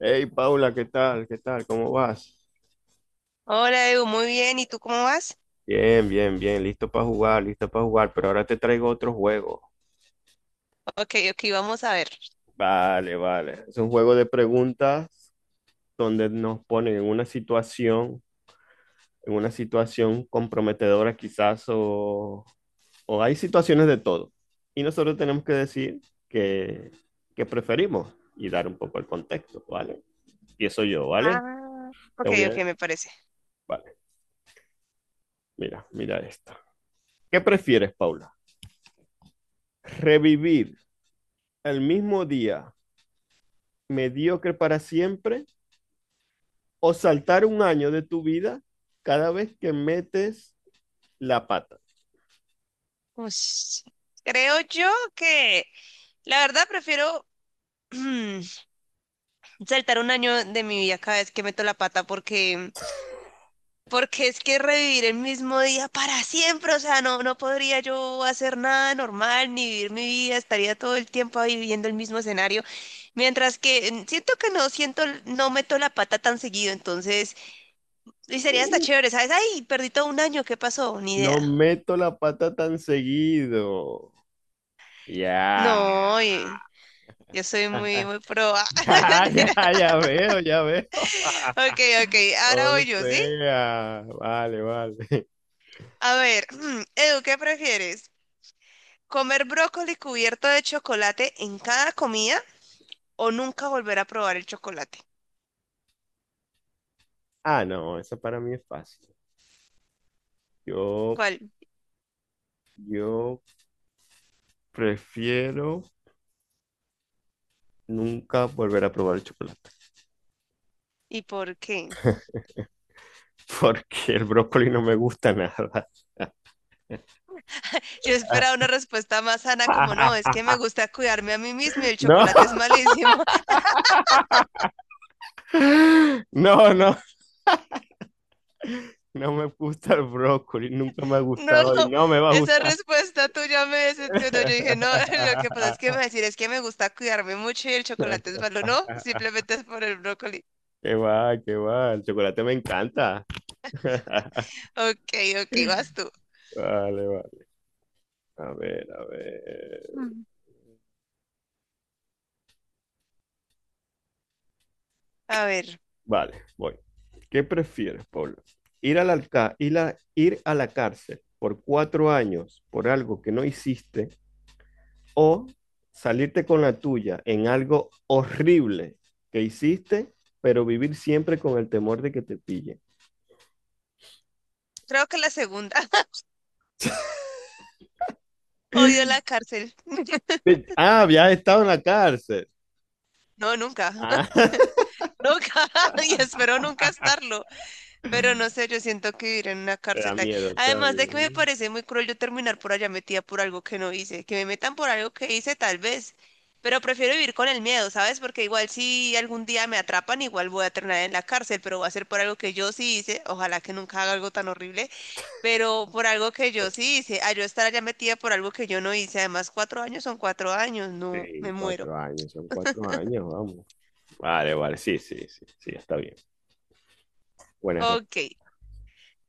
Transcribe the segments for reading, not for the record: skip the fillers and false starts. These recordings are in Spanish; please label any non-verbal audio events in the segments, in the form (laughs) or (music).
Hey Paula, ¿qué tal? ¿Qué tal? ¿Cómo vas? Hola Edu, muy bien. ¿Y tú cómo vas? Bien, bien, bien, listo para jugar, pero ahora te traigo otro juego. Ok, ok, vamos a ver. Vale, vale. Es un juego de preguntas donde nos ponen en una situación comprometedora quizás, o hay situaciones de todo. Y nosotros tenemos que decir que, que preferimos y dar un poco el contexto, ¿vale? Empiezo yo, ¿vale? Ah, Te ok, voy a... ok, me parece. Vale, mira, mira esto. ¿Qué prefieres, Paula? ¿Revivir el mismo día mediocre para siempre o saltar un año de tu vida cada vez que metes la pata? Ush. Creo yo que la verdad prefiero (clears throat) mm, saltar un año de mi vida cada vez que meto la pata porque es que revivir el mismo día para siempre, o sea, no, no podría yo hacer nada normal ni vivir mi vida, estaría todo el tiempo ahí viviendo el mismo escenario, mientras que siento que no siento, no meto la pata tan seguido, entonces... Y sería hasta Uh, chévere, ¿sabes? Ay, perdí todo un año, ¿qué pasó? Ni no idea. meto la pata tan seguido. Ya. No, yo soy muy, (laughs) muy pro. Ah. Ya, (laughs) ya, Mentira. ya veo, ya veo. Ok, ok, (laughs) O ahora voy yo, ¿sí? sea, vale, vale. A ver, (clears throat) Edu, ¿qué prefieres? ¿Comer brócoli cubierto de chocolate en cada comida o nunca volver a probar el chocolate? Ah, no, eso para mí es fácil. Yo, ¿Cuál? yo prefiero nunca volver a probar el chocolate. ¿Y por qué? (laughs) Porque el brócoli no me gusta nada. Yo (laughs) esperaba una respuesta más sana como no, es que me (laughs) gusta cuidarme a mí mismo y el No, chocolate es malísimo. no, no, no me gusta el brócoli, nunca me ha No, gustado y no me va a esa gustar. respuesta tuya me decepcionó. Yo dije, no, (laughs) lo que pasa es que me (laughs) va a decir es que me gusta cuidarme mucho y el chocolate es malo. No, simplemente es por el brócoli. Qué va, el chocolate me encanta. (laughs) Ok, ok, vas tú. Vale, vale, a ver, a ver. Mm. A ver, Vale, voy. ¿Qué prefieres, Pablo? Ir a la cárcel por 4 años por algo que no hiciste o salirte con la tuya en algo horrible que hiciste, pero vivir siempre con el temor de que te pillen? creo que la segunda. (laughs) Odio (laughs) la cárcel. (laughs) Ah, habías estado en la cárcel. No, nunca, Ah, (laughs) (laughs) nunca. (laughs) Y espero nunca estarlo. Pero no sé, yo siento que vivir en una te da cárcel ahí. miedo, te da Además de que me miedo. parece muy cruel yo terminar por allá metida por algo que no hice. Que me metan por algo que hice, tal vez. Pero prefiero vivir con el miedo, ¿sabes? Porque igual si algún día me atrapan, igual voy a terminar en la cárcel, pero va a ser por algo que yo sí hice. Ojalá que nunca haga algo tan horrible, pero por algo que yo sí hice. A yo estar allá metida por algo que yo no hice. Además, 4 años son 4 años. No, me Sí, muero. 4 años son 4 años, vamos. Vale, vale, sí, sí, sí, sí, está bien. Buena, re- Ok,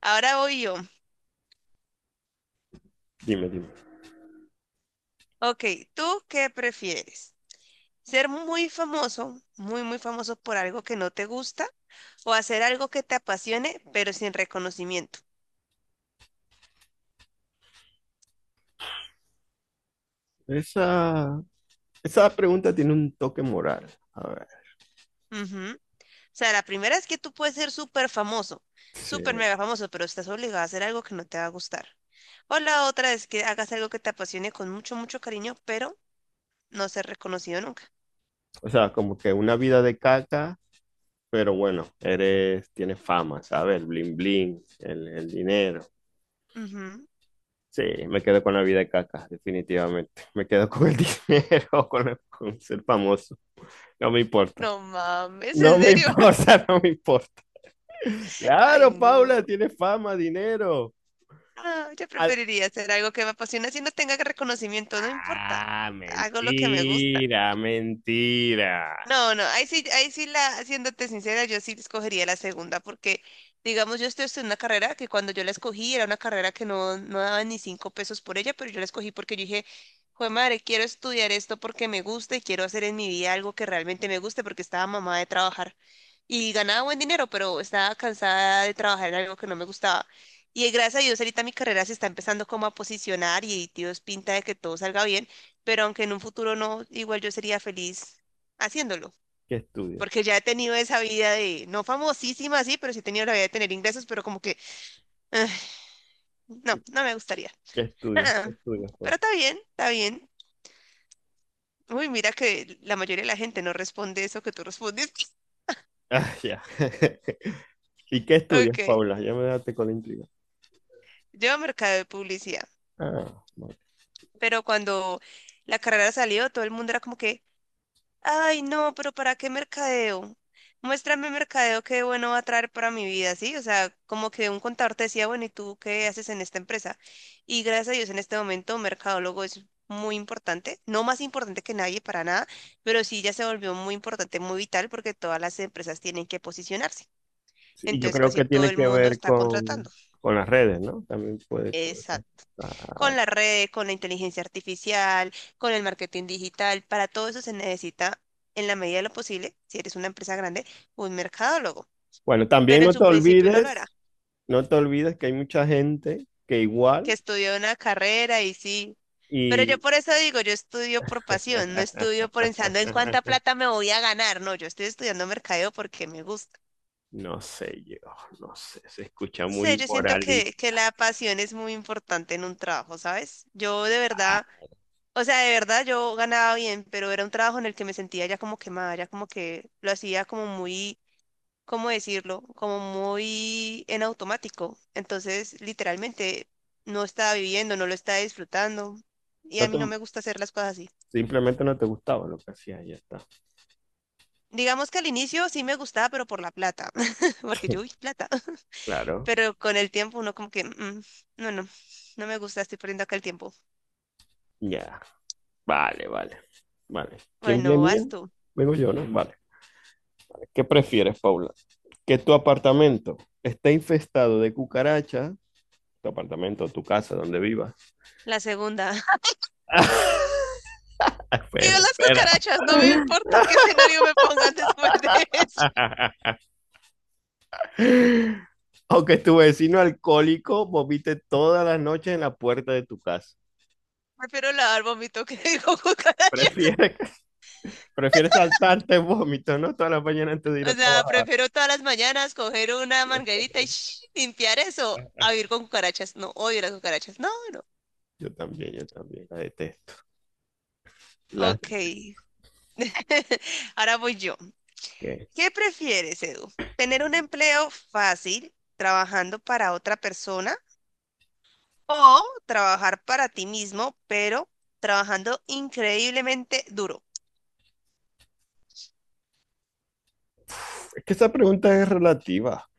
ahora voy yo. dime, dime. Ok, ¿tú qué prefieres? Ser muy famoso, muy, muy famoso por algo que no te gusta o hacer algo que te apasione, pero sin reconocimiento. Esa, esa pregunta tiene un toque moral. A ver, Ujú. O sea, la primera es que tú puedes ser súper famoso, sí. súper mega famoso, pero estás obligado a hacer algo que no te va a gustar. O la otra es que hagas algo que te apasione con mucho, mucho cariño, pero no ser reconocido nunca. O sea, como que una vida de caca, pero bueno, eres, tienes fama, ¿sabes? El bling bling, el dinero. Ujú. Sí, me quedo con la vida de caca, definitivamente. (laughs) Me quedo con el (laughs) dinero, con, el- con ser famoso. No me importa. No mames, No ¿en me serio? (laughs) importa, (laughs) no me importa. Ay, Claro, no. Paula, tienes fama, dinero. Ah, yo Al- preferiría hacer algo que me apasiona si no tenga reconocimiento, no importa. ah, Hago lo que me gusta. mentira, mentira. No, no, ahí sí la, siéndote sincera, yo sí escogería la segunda, porque digamos, yo estoy en una carrera que cuando yo la escogí era una carrera que no, no daba ni 5 pesos por ella, pero yo la escogí porque yo dije, jue madre, quiero estudiar esto porque me gusta y quiero hacer en mi vida algo que realmente me guste porque estaba mamada de trabajar y ganaba buen dinero, pero estaba cansada de trabajar en algo que no me gustaba. Y gracias a Dios ahorita mi carrera se está empezando como a posicionar y Dios pinta de que todo salga bien, pero aunque en un futuro no, igual yo sería feliz haciéndolo, ¿Qué estudias? porque ya he tenido esa vida de, no famosísima, sí, pero sí he tenido la vida de tener ingresos, pero como que, ah, no, ¿Qué, no me gustaría. qué estudias? ¿Qué Ah, estudias, pero Paula? está bien, está bien. Uy, mira que la mayoría de la gente no responde eso que tú respondes. (laughs) Ah, ya. (laughs) ¿Y qué estudias, Ok, Paula? Ya me dejaste con la intriga. yo mercado de publicidad, Ah, bueno. pero cuando la carrera salió, todo el mundo era como que, ay, no, pero ¿para qué mercadeo? Muéstrame mercadeo que bueno va a traer para mi vida, ¿sí? O sea, como que un contador te decía, bueno, ¿y tú qué haces en esta empresa? Y gracias a Dios en este momento mercadólogo es muy importante, no más importante que nadie para nada, pero sí ya se volvió muy importante, muy vital porque todas las empresas tienen que posicionarse. Sí, y yo Entonces creo casi que todo tiene el que mundo ver está contratando. con las redes, ¿no? También puede, puede- Exacto, ah, con las redes, con la inteligencia artificial, con el marketing digital. Para todo eso se necesita, en la medida de lo posible, si eres una empresa grande, un mercadólogo. bueno, también Pero en no te su principio no lo era, olvides, no te olvides que hay mucha gente que que igual estudió una carrera y sí. Pero yo y... por eso digo, yo estudio por pasión, no estudio por pensando en cuánta (laughs) plata me voy a ganar. No, yo estoy estudiando mercadeo porque me gusta. No sé yo, no sé, se escucha No sé, muy yo siento que moralista. la pasión es muy importante en un trabajo, ¿sabes? Yo de verdad... O sea, de verdad yo ganaba bien, pero era un trabajo en el que me sentía ya como quemada, ya como que lo hacía como muy, ¿cómo decirlo? Como muy en automático. Entonces, literalmente, no estaba viviendo, no lo estaba disfrutando. Y a No te- mí no me gusta hacer las cosas así. simplemente no te gustaba lo que hacía. Ya está. Digamos que al inicio sí me gustaba, pero por la plata, (laughs) porque yo, uy, plata. Claro, Pero con el tiempo uno como que, "Mm, mm, no, no, no me gusta, estoy perdiendo acá el tiempo". ya, vale, vale, vale. ¿Quién Bueno, venía? vas tú. Vengo yo, ¿no? Vale. ¿Qué prefieres, Paula? ¿Que tu apartamento esté infestado de cucarachas? Tu apartamento, tu casa, donde vivas. La segunda. (laughs) Yo Espera, las espera. cucarachas, no me importa qué escenario me pongan después de eso. (laughs) ¿O que tu vecino alcohólico vomite todas las noches en la puerta de tu casa? Prefiero lavar vómito que (laughs) digo cucarachas. Prefieres, (laughs) prefieres saltarte el vómito, ¿no? Toda la mañana antes de ir O a sea, trabajar. prefiero todas las mañanas coger una manguerita y limpiar eso a vivir con cucarachas. No, odio las cucarachas. No, no. Yo también, la detesto. La Ok. (laughs) Ahora voy yo. que ¿Qué prefieres, Edu? ¿Tener un empleo fácil trabajando para otra persona o trabajar para ti mismo, pero trabajando increíblemente duro? es que esa pregunta es relativa,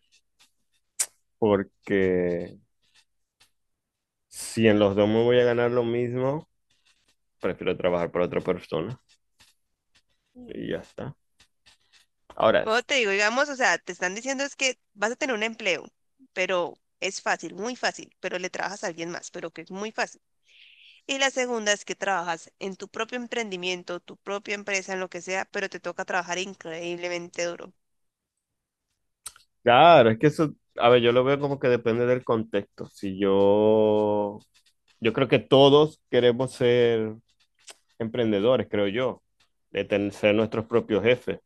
porque si en los dos me voy a ganar lo mismo, prefiero trabajar para otra persona y ya está. Ahora, Pero es- te digo, digamos, o sea, te están diciendo es que vas a tener un empleo, pero es fácil, muy fácil, pero le trabajas a alguien más, pero que es muy fácil. Y la segunda es que trabajas en tu propio emprendimiento, tu propia empresa, en lo que sea, pero te toca trabajar increíblemente duro. claro, es que eso, a ver, yo lo veo como que depende del contexto. Si yo, yo creo que todos queremos ser emprendedores, creo yo, de ten- ser nuestros propios jefes.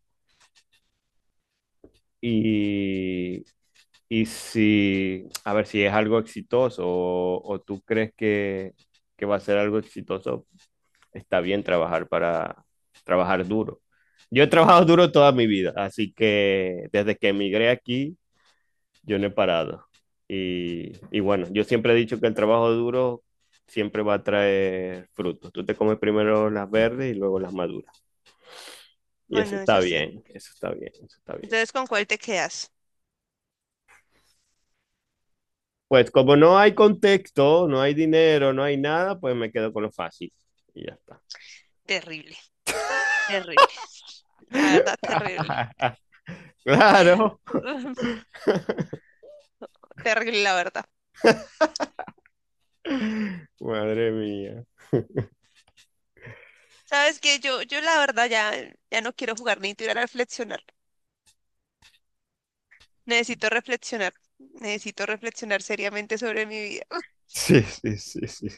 Y, y si, a ver, si es algo exitoso o tú crees que va a ser algo exitoso, está bien trabajar para trabajar duro. Yo he trabajado duro toda mi vida, así que desde que emigré aquí, yo no he parado. Y bueno, yo siempre he dicho que el trabajo duro siempre va a traer frutos. Tú te comes primero las verdes y luego las maduras. Y eso Bueno, está eso sí. bien, eso está bien, eso está bien. Entonces, ¿con cuál te quedas? Pues como no hay contexto, no hay dinero, no hay nada, pues me quedo con lo fácil. Y ya está. Terrible, terrible, la verdad, terrible. (laughs) Claro. (laughs) (laughs) Terrible, la verdad. (laughs) Madre mía. ¿Sabes que yo la verdad ya, ya no quiero jugar ni tirar a reflexionar? Necesito reflexionar. Necesito reflexionar seriamente sobre mi vida. Sí, sí, sí, sí.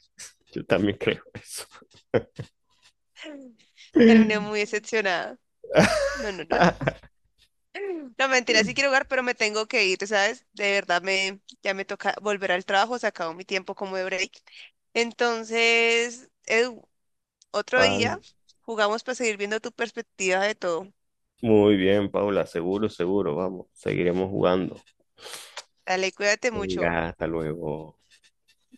Yo también creo eso. Terminé muy (laughs) decepcionada. No, no, no. (laughs) No, mentira, sí quiero jugar, pero me tengo que ir, ¿sabes? De verdad me, ya me toca volver al trabajo, se acabó mi tiempo como de break. Entonces, Edu, otro Ah, día jugamos para seguir viendo tu perspectiva de todo. muy bien, Paula. Seguro, seguro. Vamos, seguiremos jugando. Dale, cuídate mucho. Venga, hasta luego.